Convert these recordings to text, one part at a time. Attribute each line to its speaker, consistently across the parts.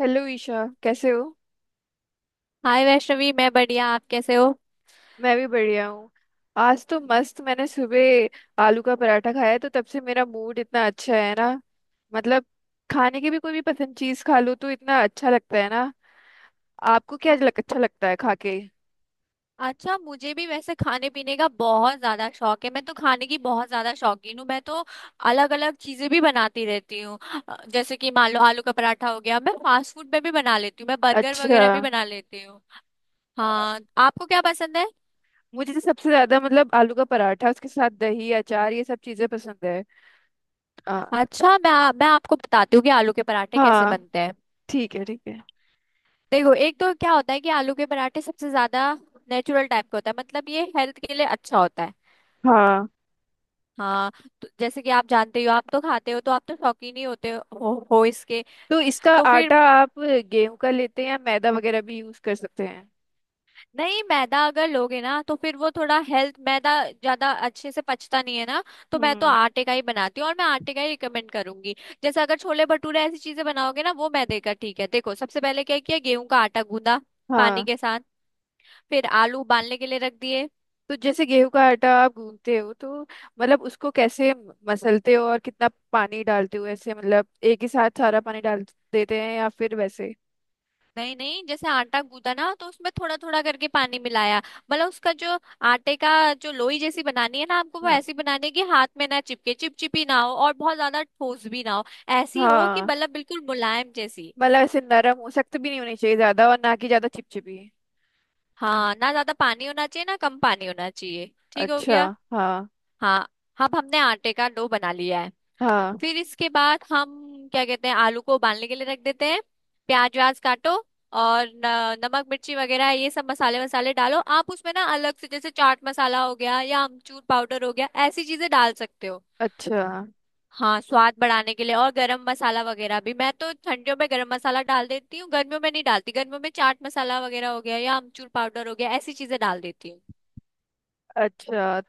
Speaker 1: Hello Isha, कैसे हो।
Speaker 2: Hi Vaishnavi, मैं बढ़िया। आप कैसे हो?
Speaker 1: मैं भी बढ़िया हूँ। आज तो मस्त, मैंने सुबह आलू का पराठा खाया तो तब से मेरा मूड इतना अच्छा है ना। मतलब, खाने की भी कोई भी पसंद चीज खा लो तो इतना अच्छा लगता है ना। आपको
Speaker 2: अ-
Speaker 1: अच्छा लगता है खा के।
Speaker 2: अच्छा, मुझे भी वैसे खाने पीने का बहुत ज्यादा शौक है। मैं तो खाने की बहुत ज्यादा शौकीन हूँ। मैं तो अलग अलग चीजें भी बनाती रहती हूँ। जैसे कि मान लो आलू का पराठा हो गया। मैं फास्ट फूड में भी बना लेती हूँ, मैं बर्गर
Speaker 1: अच्छा।
Speaker 2: वगैरह भी बना लेती हूँ।
Speaker 1: अ,
Speaker 2: हाँ, आपको क्या पसंद है?
Speaker 1: मुझे तो सबसे ज्यादा मतलब आलू का पराठा, उसके साथ दही अचार, ये सब चीजें पसंद है। आ,
Speaker 2: अच्छा, मैं आपको बताती हूँ कि आलू के पराठे कैसे
Speaker 1: हाँ,
Speaker 2: बनते हैं।
Speaker 1: ठीक है, ठीक है।
Speaker 2: देखो, एक तो क्या होता है कि आलू के पराठे सबसे ज्यादा नेचुरल टाइप का होता है। मतलब ये हेल्थ के लिए अच्छा होता है।
Speaker 1: हाँ,
Speaker 2: हाँ, तो जैसे कि आप जानते ही हो, आप तो खाते हो, तो आप तो शौकीन ही होते हो इसके।
Speaker 1: तो इसका
Speaker 2: तो फिर
Speaker 1: आटा आप गेहूं का लेते हैं या मैदा वगैरह भी यूज कर सकते हैं।
Speaker 2: नहीं, मैदा अगर लोगे ना तो फिर वो थोड़ा हेल्थ, मैदा ज्यादा अच्छे से पचता नहीं है ना। तो मैं तो
Speaker 1: हम्म।
Speaker 2: आटे का ही बनाती हूँ और मैं आटे का ही रिकमेंड करूंगी। जैसे अगर छोले भटूरे ऐसी चीजें बनाओगे ना, वो मैदे का ठीक है। देखो, सबसे पहले क्या किया, गेहूं का आटा गूंदा पानी
Speaker 1: हाँ,
Speaker 2: के साथ। फिर आलू उबालने के लिए रख दिए।
Speaker 1: तो जैसे गेहूं का आटा आप गूंथते हो तो मतलब उसको कैसे मसलते हो, और कितना पानी डालते हो, ऐसे मतलब एक ही साथ सारा पानी डाल देते हैं या फिर वैसे।
Speaker 2: नहीं नहीं, जैसे आटा गूंदा ना, तो उसमें थोड़ा थोड़ा करके पानी मिलाया। मतलब उसका जो आटे का जो लोई जैसी बनानी है ना आपको, वो
Speaker 1: हाँ,
Speaker 2: ऐसी बनानी है कि हाथ में ना चिपके, चिपचिपी ना हो और बहुत ज्यादा ठोस भी ना हो। ऐसी हो कि
Speaker 1: हाँ,
Speaker 2: मतलब बिल्कुल मुलायम जैसी।
Speaker 1: मतलब ऐसे नरम हो, सख्त भी नहीं होनी चाहिए ज्यादा, और ना कि ज्यादा चिपचिपी। हाँ।
Speaker 2: हाँ, ना ज्यादा पानी होना चाहिए, ना कम पानी होना चाहिए। ठीक हो
Speaker 1: अच्छा।
Speaker 2: गया।
Speaker 1: हाँ।
Speaker 2: हाँ, अब हमने आटे का डो बना लिया है।
Speaker 1: हाँ।
Speaker 2: फिर इसके बाद हम क्या कहते हैं, आलू को उबालने के लिए रख देते हैं। प्याज व्याज काटो और नमक मिर्ची वगैरह ये सब मसाले वसाले डालो। आप उसमें ना अलग से, जैसे चाट मसाला हो गया या अमचूर पाउडर हो गया, ऐसी चीजें डाल सकते हो।
Speaker 1: अच्छा।
Speaker 2: हाँ, स्वाद बढ़ाने के लिए। और गरम मसाला वगैरह भी, मैं तो ठंडियों में गरम मसाला डाल देती हूँ, गर्मियों में नहीं डालती। गर्मियों में चाट मसाला वगैरह हो गया या अमचूर पाउडर हो गया, ऐसी चीजें डाल देती हूँ।
Speaker 1: अच्छा।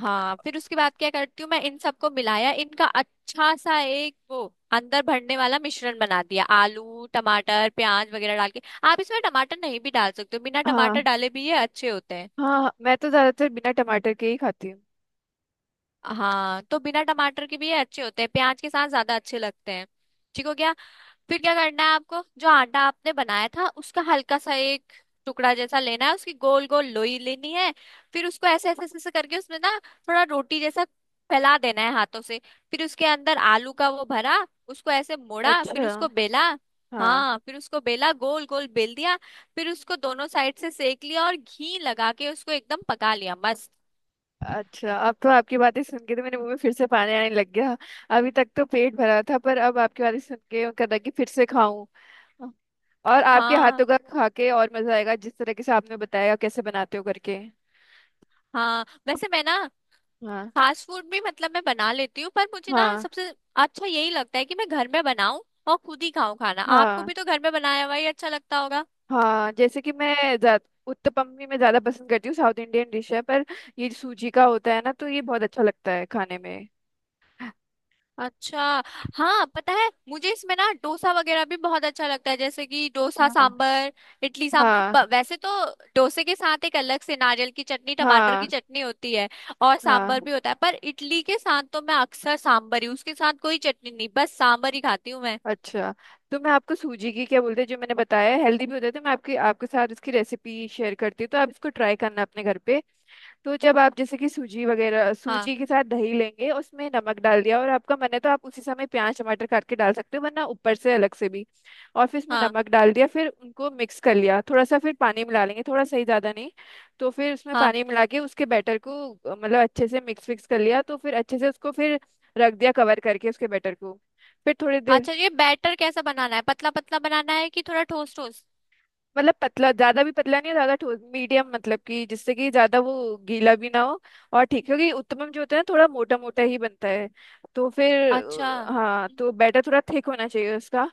Speaker 2: हाँ, फिर उसके बाद क्या करती हूँ मैं, इन सबको मिलाया, इनका अच्छा सा एक वो अंदर भरने वाला मिश्रण बना दिया, आलू टमाटर प्याज वगैरह डाल के। आप इसमें टमाटर नहीं भी डाल सकते हो, बिना
Speaker 1: हाँ।
Speaker 2: टमाटर डाले भी ये अच्छे होते हैं।
Speaker 1: हाँ, मैं तो ज्यादातर बिना टमाटर के ही खाती हूँ।
Speaker 2: हाँ, तो बिना टमाटर के भी ये अच्छे होते हैं। प्याज के साथ ज्यादा अच्छे लगते हैं। ठीक हो गया। फिर क्या करना है, आपको जो आटा आपने बनाया था उसका हल्का सा एक टुकड़ा जैसा लेना है, उसकी गोल गोल लोई लेनी है। फिर उसको ऐसे ऐसे ऐसे ऐसे करके उसमें ना थोड़ा रोटी जैसा फैला देना है हाथों से। फिर उसके अंदर आलू का वो भरा, उसको ऐसे मोड़ा,
Speaker 1: अच्छा।
Speaker 2: फिर उसको बेला।
Speaker 1: हाँ।
Speaker 2: हाँ, फिर उसको बेला, गोल गोल बेल दिया। फिर उसको दोनों साइड से सेक लिया और घी लगा के उसको एकदम पका लिया, मस्त।
Speaker 1: अच्छा, अब तो आपकी बातें सुन के तो मेरे मुंह में फिर से पानी आने लग गया। अभी तक तो पेट भरा था, पर अब आपकी बातें सुन के मन कर रहा है कि फिर से खाऊं। और आपके हाथों
Speaker 2: हाँ।
Speaker 1: का खा के और मजा आएगा, जिस तरीके से आपने बताया कैसे बनाते हो करके।
Speaker 2: हाँ, वैसे मैं ना
Speaker 1: हाँ।
Speaker 2: फास्ट फूड भी मतलब मैं बना लेती हूँ, पर मुझे ना
Speaker 1: हाँ।
Speaker 2: सबसे अच्छा यही लगता है कि मैं घर में बनाऊं और खुद ही खाऊं खाना। आपको
Speaker 1: हाँ।
Speaker 2: भी तो घर में बनाया हुआ ही अच्छा लगता होगा।
Speaker 1: हाँ, जैसे कि मैं उत्तपम भी मैं ज्यादा पसंद करती हूँ, साउथ इंडियन डिश है पर ये सूजी का होता है ना, तो ये बहुत अच्छा लगता है खाने में।
Speaker 2: अच्छा। हाँ, पता है, मुझे इसमें ना डोसा वगैरह भी बहुत अच्छा लगता है, जैसे कि डोसा
Speaker 1: हाँ।
Speaker 2: सांबर, इडली
Speaker 1: हाँ।
Speaker 2: सांबर। वैसे तो डोसे के साथ एक अलग से नारियल की चटनी, टमाटर की
Speaker 1: हाँ।
Speaker 2: चटनी होती है और
Speaker 1: हाँ।
Speaker 2: सांबर भी होता है, पर इडली के साथ तो मैं अक्सर सांबर ही, उसके साथ कोई चटनी नहीं, बस सांबर ही खाती हूँ मैं।
Speaker 1: अच्छा, तो मैं आपको सूजी की क्या बोलते हैं जो मैंने बताया हेल्दी भी होते थे, मैं आपकी आपके साथ इसकी रेसिपी शेयर करती हूँ, तो आप इसको ट्राई करना अपने घर पे। तो जब आप जैसे कि सूजी वगैरह
Speaker 2: हाँ।
Speaker 1: सूजी के साथ दही लेंगे, उसमें नमक डाल दिया, और आपका मन है तो आप उसी समय प्याज टमाटर काट के डाल सकते हो, वरना ऊपर से अलग से भी। और फिर इसमें
Speaker 2: हाँ।
Speaker 1: नमक डाल दिया, फिर उनको मिक्स कर लिया थोड़ा सा, फिर पानी मिला लेंगे थोड़ा सही, ज़्यादा नहीं। तो फिर उसमें
Speaker 2: हाँ।
Speaker 1: पानी मिला के उसके बैटर को मतलब अच्छे से मिक्स फिक्स कर लिया, तो फिर अच्छे से उसको फिर रख दिया कवर करके, उसके बैटर को फिर थोड़ी देर।
Speaker 2: अच्छा, ये बैटर कैसा बनाना है, पतला पतला बनाना है कि थोड़ा ठोस ठोस?
Speaker 1: मतलब पतला, ज्यादा भी पतला नहीं और ज्यादा ठोस, मीडियम मतलब कि जिससे कि ज्यादा वो गीला भी ना हो। और ठीक है, क्योंकि उत्तपम जो होता है ना थोड़ा मोटा मोटा ही बनता है। तो फिर
Speaker 2: अच्छा।
Speaker 1: हाँ, तो बैटर थोड़ा थिक होना चाहिए उसका।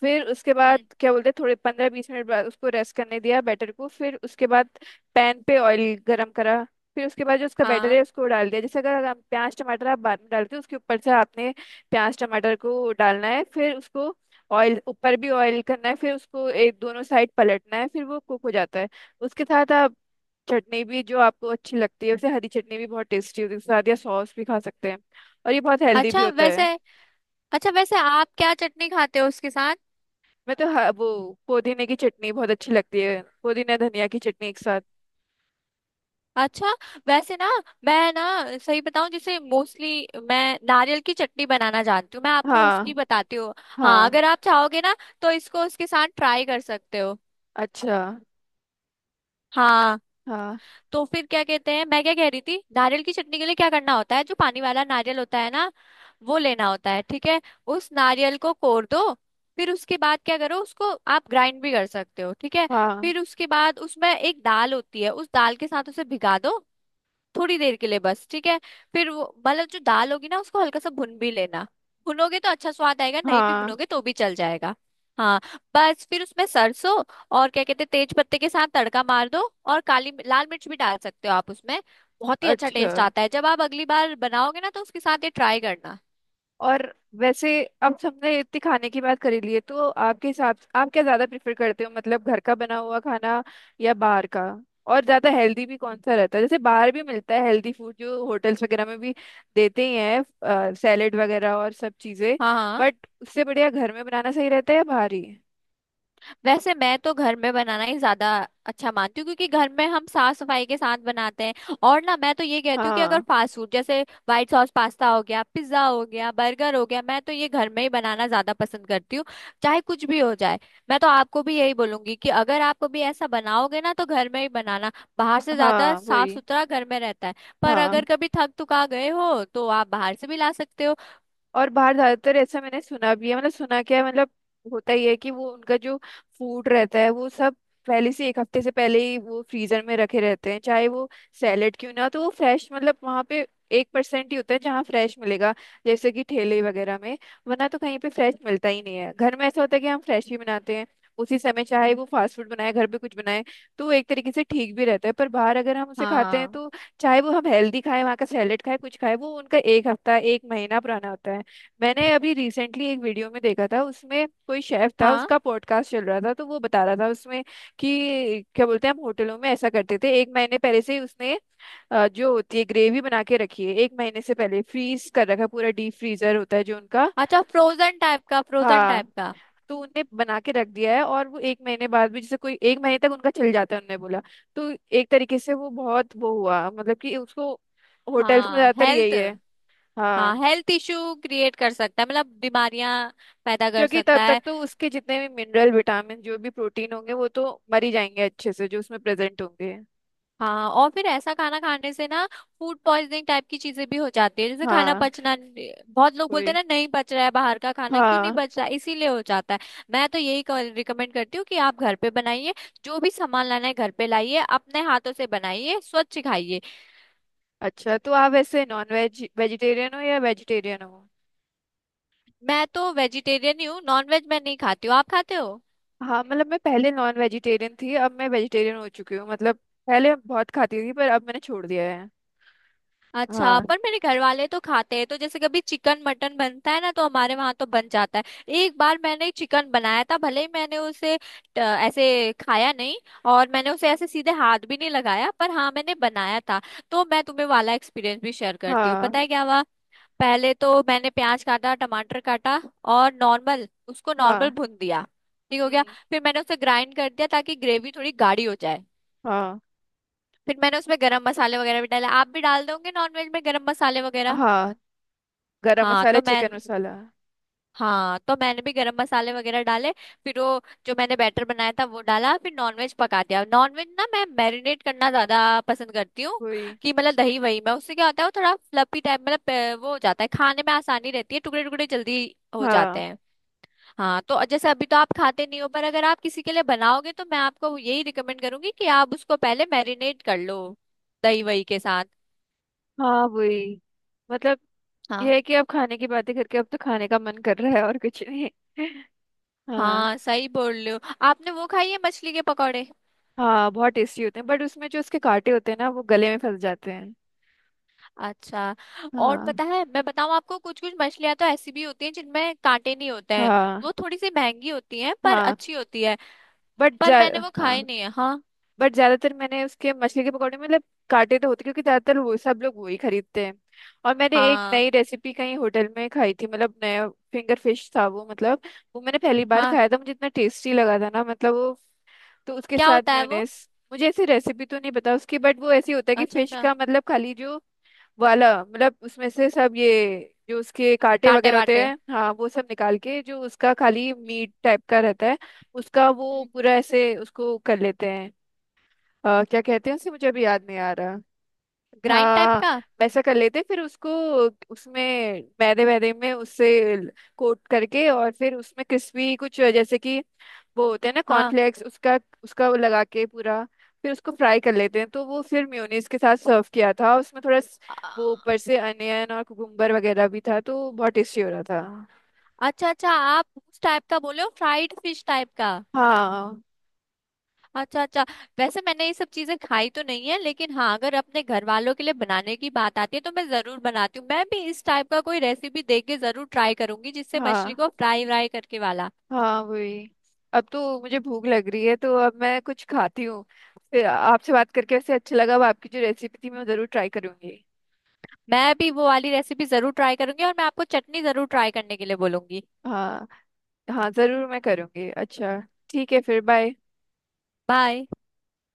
Speaker 1: फिर उसके बाद
Speaker 2: हम्म।
Speaker 1: क्या बोलते हैं, थोड़े 15-20 मिनट बाद उसको रेस्ट करने दिया, बैटर को। फिर उसके बाद पैन पे ऑयल गरम करा। फिर उसके बाद जो उसका बैटर
Speaker 2: हाँ।
Speaker 1: है उसको डाल दिया, जैसे अगर हम प्याज टमाटर आप बाद में डालते हो, उसके ऊपर से आपने प्याज टमाटर को डालना है, फिर उसको ऑयल, ऊपर भी ऑयल करना है, फिर उसको एक दोनों साइड पलटना है, फिर वो कुक हो जाता है। उसके साथ आप चटनी भी जो आपको अच्छी लगती है उसे, हरी चटनी भी बहुत टेस्टी होती है उसके साथ, या सॉस भी खा सकते हैं। और ये बहुत हेल्दी भी
Speaker 2: अच्छा,
Speaker 1: होता
Speaker 2: वैसे
Speaker 1: है।
Speaker 2: अच्छा वैसे आप क्या चटनी खाते हो उसके साथ?
Speaker 1: मैं तो वो पुदीने की चटनी बहुत अच्छी लगती है, पुदीना धनिया की चटनी एक साथ।
Speaker 2: अच्छा, वैसे ना मैं ना सही बताऊं, जैसे मोस्टली मैं नारियल की चटनी बनाना जानती हूँ। मैं आपको
Speaker 1: हाँ।
Speaker 2: उसकी बताती हूँ। हाँ,
Speaker 1: हाँ।
Speaker 2: अगर आप चाहोगे ना तो इसको उसके साथ ट्राई कर सकते हो।
Speaker 1: अच्छा।
Speaker 2: हाँ।
Speaker 1: हाँ।
Speaker 2: तो फिर क्या कहते हैं, मैं क्या कह रही थी, नारियल की चटनी के लिए क्या करना होता है, जो पानी वाला नारियल होता है ना, वो लेना होता है। ठीक है। उस नारियल को कोर दो। फिर उसके बाद क्या करो, उसको आप ग्राइंड भी कर सकते हो। ठीक है।
Speaker 1: हाँ।
Speaker 2: फिर उसके बाद उसमें एक दाल होती है, उस दाल के साथ उसे भिगा दो, थोड़ी देर के लिए बस। ठीक है। फिर वो मतलब जो दाल होगी ना, उसको हल्का सा भुन भी लेना। भुनोगे तो अच्छा स्वाद आएगा, नहीं भी
Speaker 1: हाँ।
Speaker 2: भुनोगे तो भी चल जाएगा। हाँ। बस फिर उसमें सरसों और क्या कहते हैं तेज पत्ते के साथ तड़का मार दो। और काली लाल मिर्च भी डाल सकते हो आप उसमें। बहुत ही अच्छा
Speaker 1: अच्छा।
Speaker 2: टेस्ट आता है। जब आप अगली बार बनाओगे ना तो उसके साथ ये ट्राई करना।
Speaker 1: और वैसे, अब हमने इतनी खाने की बात करी ली है, तो आपके हिसाब आप क्या ज्यादा प्रेफर करते हो, मतलब घर का बना हुआ खाना या बाहर का। और ज्यादा हेल्दी भी कौन सा रहता है, जैसे बाहर भी मिलता है हेल्दी फूड, जो होटल्स वगैरह में भी देते ही हैं, सैलेड वगैरह और सब चीजें।
Speaker 2: हाँ। हाँ,
Speaker 1: बट उससे बढ़िया घर में बनाना सही रहता है या बाहर ही।
Speaker 2: वैसे मैं तो घर में बनाना ही ज्यादा अच्छा मानती हूँ, क्योंकि घर में हम साफ सफाई के साथ बनाते हैं। और ना मैं तो ये कहती हूँ कि अगर
Speaker 1: हाँ।
Speaker 2: फास्ट फूड, जैसे व्हाइट सॉस पास्ता हो गया, पिज्जा हो गया, बर्गर हो गया, मैं तो ये घर में ही बनाना ज्यादा पसंद करती हूँ, चाहे कुछ भी हो जाए। मैं तो आपको भी यही बोलूंगी कि अगर आप कभी ऐसा बनाओगे ना तो घर में ही बनाना। बाहर से ज्यादा
Speaker 1: हाँ,
Speaker 2: साफ
Speaker 1: वही।
Speaker 2: सुथरा घर में रहता है। पर
Speaker 1: हाँ।
Speaker 2: अगर कभी थक थका गए हो तो आप बाहर से भी ला सकते हो।
Speaker 1: और बाहर ज्यादातर ऐसा मैंने सुना भी है, मतलब सुना क्या है, मतलब होता ही है कि वो उनका जो फूड रहता है वो सब पहले से एक हफ्ते से पहले ही वो फ्रीजर में रखे रहते हैं, चाहे वो सैलेड क्यों ना हो। तो वो फ्रेश मतलब वहाँ पे 1% ही होता है जहाँ फ्रेश मिलेगा, जैसे कि ठेले वगैरह में। वरना तो कहीं पे फ्रेश मिलता ही नहीं है। घर में ऐसा होता है कि हम फ्रेश ही बनाते हैं उसी समय, चाहे वो फास्ट फूड बनाए, घर पे कुछ बनाए। तो वो एक तरीके से ठीक भी रहता है, पर बाहर अगर हम उसे खाते हैं
Speaker 2: हाँ।
Speaker 1: तो, चाहे वो हम हेल्दी खाएं, वहाँ का सैलेड खाएं, कुछ खाएं, वो उनका एक हफ्ता एक महीना पुराना होता है। मैंने अभी रिसेंटली एक वीडियो में देखा था, उसमें कोई शेफ था,
Speaker 2: हाँ,
Speaker 1: उसका पॉडकास्ट चल रहा था, तो वो बता रहा था उसमें कि क्या बोलते हैं, हम होटलों में ऐसा करते थे, एक महीने पहले से ही उसने जो होती है ग्रेवी बना के रखी है, एक महीने से पहले फ्रीज कर रखा है, पूरा डीप फ्रीजर होता है जो उनका।
Speaker 2: अच्छा, फ्रोजन टाइप का, फ्रोजन
Speaker 1: हाँ,
Speaker 2: टाइप का।
Speaker 1: तो उनने बना के रख दिया है, और वो एक महीने बाद भी, जैसे कोई एक महीने तक उनका चल जाता है, उनने बोला। तो एक तरीके से वो बहुत वो हुआ मतलब कि उसको, होटल्स में
Speaker 2: हाँ,
Speaker 1: ज्यादातर
Speaker 2: हेल्थ।
Speaker 1: यही है। हाँ।
Speaker 2: हाँ, हेल्थ इश्यू क्रिएट कर सकता है, मतलब बीमारियां पैदा कर
Speaker 1: क्योंकि
Speaker 2: सकता
Speaker 1: तब तक
Speaker 2: है।
Speaker 1: तो उसके जितने भी मिनरल विटामिन जो भी प्रोटीन होंगे वो तो मर ही जाएंगे अच्छे से, जो उसमें प्रेजेंट होंगे।
Speaker 2: हाँ, और फिर ऐसा खाना खाने से ना फूड पॉइजनिंग टाइप की चीजें भी हो जाती है, जैसे खाना
Speaker 1: हाँ।
Speaker 2: पचना। बहुत लोग बोलते हैं
Speaker 1: कोई।
Speaker 2: ना, नहीं पच रहा है बाहर का खाना, क्यों नहीं
Speaker 1: हाँ।
Speaker 2: पच रहा है? इसीलिए हो जाता है। मैं तो यही रिकमेंड करती हूँ कि आप घर पे बनाइए, जो भी सामान लाना है घर पे लाइए, अपने हाथों से बनाइए, स्वच्छ खाइए।
Speaker 1: अच्छा, तो आप वैसे नॉन वेज वेजिटेरियन हो या वेजिटेरियन हो।
Speaker 2: मैं तो वेजिटेरियन ही हूँ, नॉन वेज मैं नहीं खाती हूँ। आप खाते हो?
Speaker 1: हाँ, मतलब मैं पहले नॉन वेजिटेरियन थी, अब मैं वेजिटेरियन हो चुकी हूँ। मतलब पहले बहुत खाती थी, पर अब मैंने छोड़ दिया है।
Speaker 2: अच्छा,
Speaker 1: हाँ।
Speaker 2: पर मेरे घर वाले तो खाते हैं, तो जैसे कभी चिकन मटन बनता है ना, तो हमारे वहां तो बन जाता है। एक बार मैंने चिकन बनाया था, भले ही मैंने उसे ऐसे खाया नहीं और मैंने उसे ऐसे सीधे हाथ भी नहीं लगाया, पर हाँ, मैंने बनाया था। तो मैं तुम्हें वाला एक्सपीरियंस भी शेयर करती हूँ,
Speaker 1: हाँ।
Speaker 2: पता है क्या हुआ। पहले तो मैंने प्याज काटा, टमाटर काटा और नॉर्मल, उसको नॉर्मल
Speaker 1: हाँ।
Speaker 2: भून दिया। ठीक हो गया।
Speaker 1: हम्म।
Speaker 2: फिर मैंने उसे ग्राइंड कर दिया ताकि ग्रेवी थोड़ी गाढ़ी हो जाए।
Speaker 1: हाँ।
Speaker 2: फिर मैंने उसमें गरम मसाले वगैरह भी डाले। आप भी डाल दोगे नॉनवेज में गरम मसाले वगैरह।
Speaker 1: हाँ। गरम
Speaker 2: हाँ,
Speaker 1: मसाला,
Speaker 2: तो मैं
Speaker 1: चिकन मसाला।
Speaker 2: हाँ, तो मैंने भी गरम मसाले वगैरह डाले। फिर वो जो मैंने बैटर बनाया था वो डाला, फिर नॉनवेज पका दिया। नॉनवेज ना मैं मैरिनेट करना ज्यादा पसंद करती हूँ,
Speaker 1: वही।
Speaker 2: कि मतलब दही वही, मैं उससे क्या होता है वो थोड़ा फ्लफी टाइप, मतलब वो हो जाता है, खाने में आसानी रहती है, टुकड़े टुकड़े जल्दी हो जाते
Speaker 1: हाँ।
Speaker 2: हैं। हाँ, तो जैसे अभी तो आप खाते नहीं हो, पर अगर आप किसी के लिए बनाओगे तो मैं आपको यही रिकमेंड करूंगी कि आप उसको पहले मैरिनेट कर लो दही वही के साथ।
Speaker 1: हाँ, वही मतलब
Speaker 2: हाँ।
Speaker 1: यह है कि अब खाने की बातें करके अब तो खाने का मन कर रहा है, और कुछ नहीं। हाँ।
Speaker 2: हाँ, सही बोल रहे हो। आपने वो खाई है, मछली के पकौड़े?
Speaker 1: हाँ, बहुत टेस्टी होते हैं, बट उसमें जो उसके कांटे होते हैं ना वो गले में फंस जाते हैं।
Speaker 2: अच्छा। और
Speaker 1: हाँ।
Speaker 2: पता है, मैं बताऊं आपको, कुछ कुछ मछलियां तो ऐसी भी होती हैं जिनमें कांटे नहीं होते हैं।
Speaker 1: हाँ।
Speaker 2: वो थोड़ी सी महंगी होती हैं पर
Speaker 1: हाँ।
Speaker 2: अच्छी होती है।
Speaker 1: बट
Speaker 2: पर
Speaker 1: जा
Speaker 2: मैंने वो
Speaker 1: हाँ,
Speaker 2: खाई नहीं है। हाँ।
Speaker 1: बट ज्यादातर मैंने उसके मछली के पकौड़े में मतलब कांटे तो होते, क्योंकि ज्यादातर वो सब लोग वही खरीदते हैं। और मैंने एक
Speaker 2: हाँ।
Speaker 1: नई रेसिपी कहीं होटल में खाई थी, मतलब नया फिंगर फिश था वो, मतलब वो मैंने पहली बार
Speaker 2: हाँ,
Speaker 1: खाया था, मुझे इतना टेस्टी लगा था ना, मतलब वो। तो उसके
Speaker 2: क्या
Speaker 1: साथ
Speaker 2: होता है वो?
Speaker 1: म्योनेस, मुझे ऐसी रेसिपी तो नहीं पता उसकी, बट वो ऐसी होता है कि
Speaker 2: अच्छा
Speaker 1: फिश
Speaker 2: अच्छा,
Speaker 1: का मतलब खाली जो वाला, मतलब उसमें से सब ये जो उसके कांटे
Speaker 2: कांटे
Speaker 1: वगैरह होते
Speaker 2: वाटे।
Speaker 1: हैं हाँ, वो सब निकाल के जो उसका खाली मीट टाइप का रहता है, उसका वो पूरा ऐसे उसको कर लेते हैं। क्या कहते हैं उसे, मुझे अभी याद नहीं आ रहा।
Speaker 2: ग्राइंड टाइप
Speaker 1: हाँ।
Speaker 2: का।
Speaker 1: वैसा कर लेते हैं, फिर उसको उसमें मैदे वैदे में उससे कोट करके, और फिर उसमें क्रिस्पी कुछ, जैसे कि वो होते हैं ना
Speaker 2: हाँ।
Speaker 1: कॉर्नफ्लेक्स, उसका उसका वो लगा के पूरा, फिर उसको फ्राई कर लेते हैं, तो वो फिर मेयोनीज के साथ सर्व किया था, उसमें थोड़ा वो
Speaker 2: अ-
Speaker 1: ऊपर से अनियन और कुकुम्बर वगैरह भी था, तो बहुत टेस्टी हो रहा था।
Speaker 2: अच्छा अच्छा, आप उस टाइप का बोले हो, फ्राइड फिश टाइप का।
Speaker 1: हाँ।
Speaker 2: अच्छा अच्छा। वैसे मैंने ये सब चीजें खाई तो नहीं है, लेकिन हाँ, अगर अपने घर वालों के लिए बनाने की बात आती है तो मैं जरूर बनाती हूँ। मैं भी इस टाइप का कोई रेसिपी देख के जरूर ट्राई करूंगी, जिससे मछली
Speaker 1: हाँ।
Speaker 2: को फ्राई व्राई करके वाला।
Speaker 1: हाँ, वही। अब तो मुझे भूख लग रही है, तो अब मैं कुछ खाती हूँ। फिर आपसे बात करके वैसे अच्छा लगा, अब आपकी जो रेसिपी थी मैं जरूर ट्राई करूंगी।
Speaker 2: मैं भी वो वाली रेसिपी जरूर ट्राई करूंगी और मैं आपको चटनी जरूर ट्राई करने के लिए बोलूंगी।
Speaker 1: हाँ। हाँ, जरूर मैं करूंगी। अच्छा। ठीक है, फिर बाय।
Speaker 2: बाय।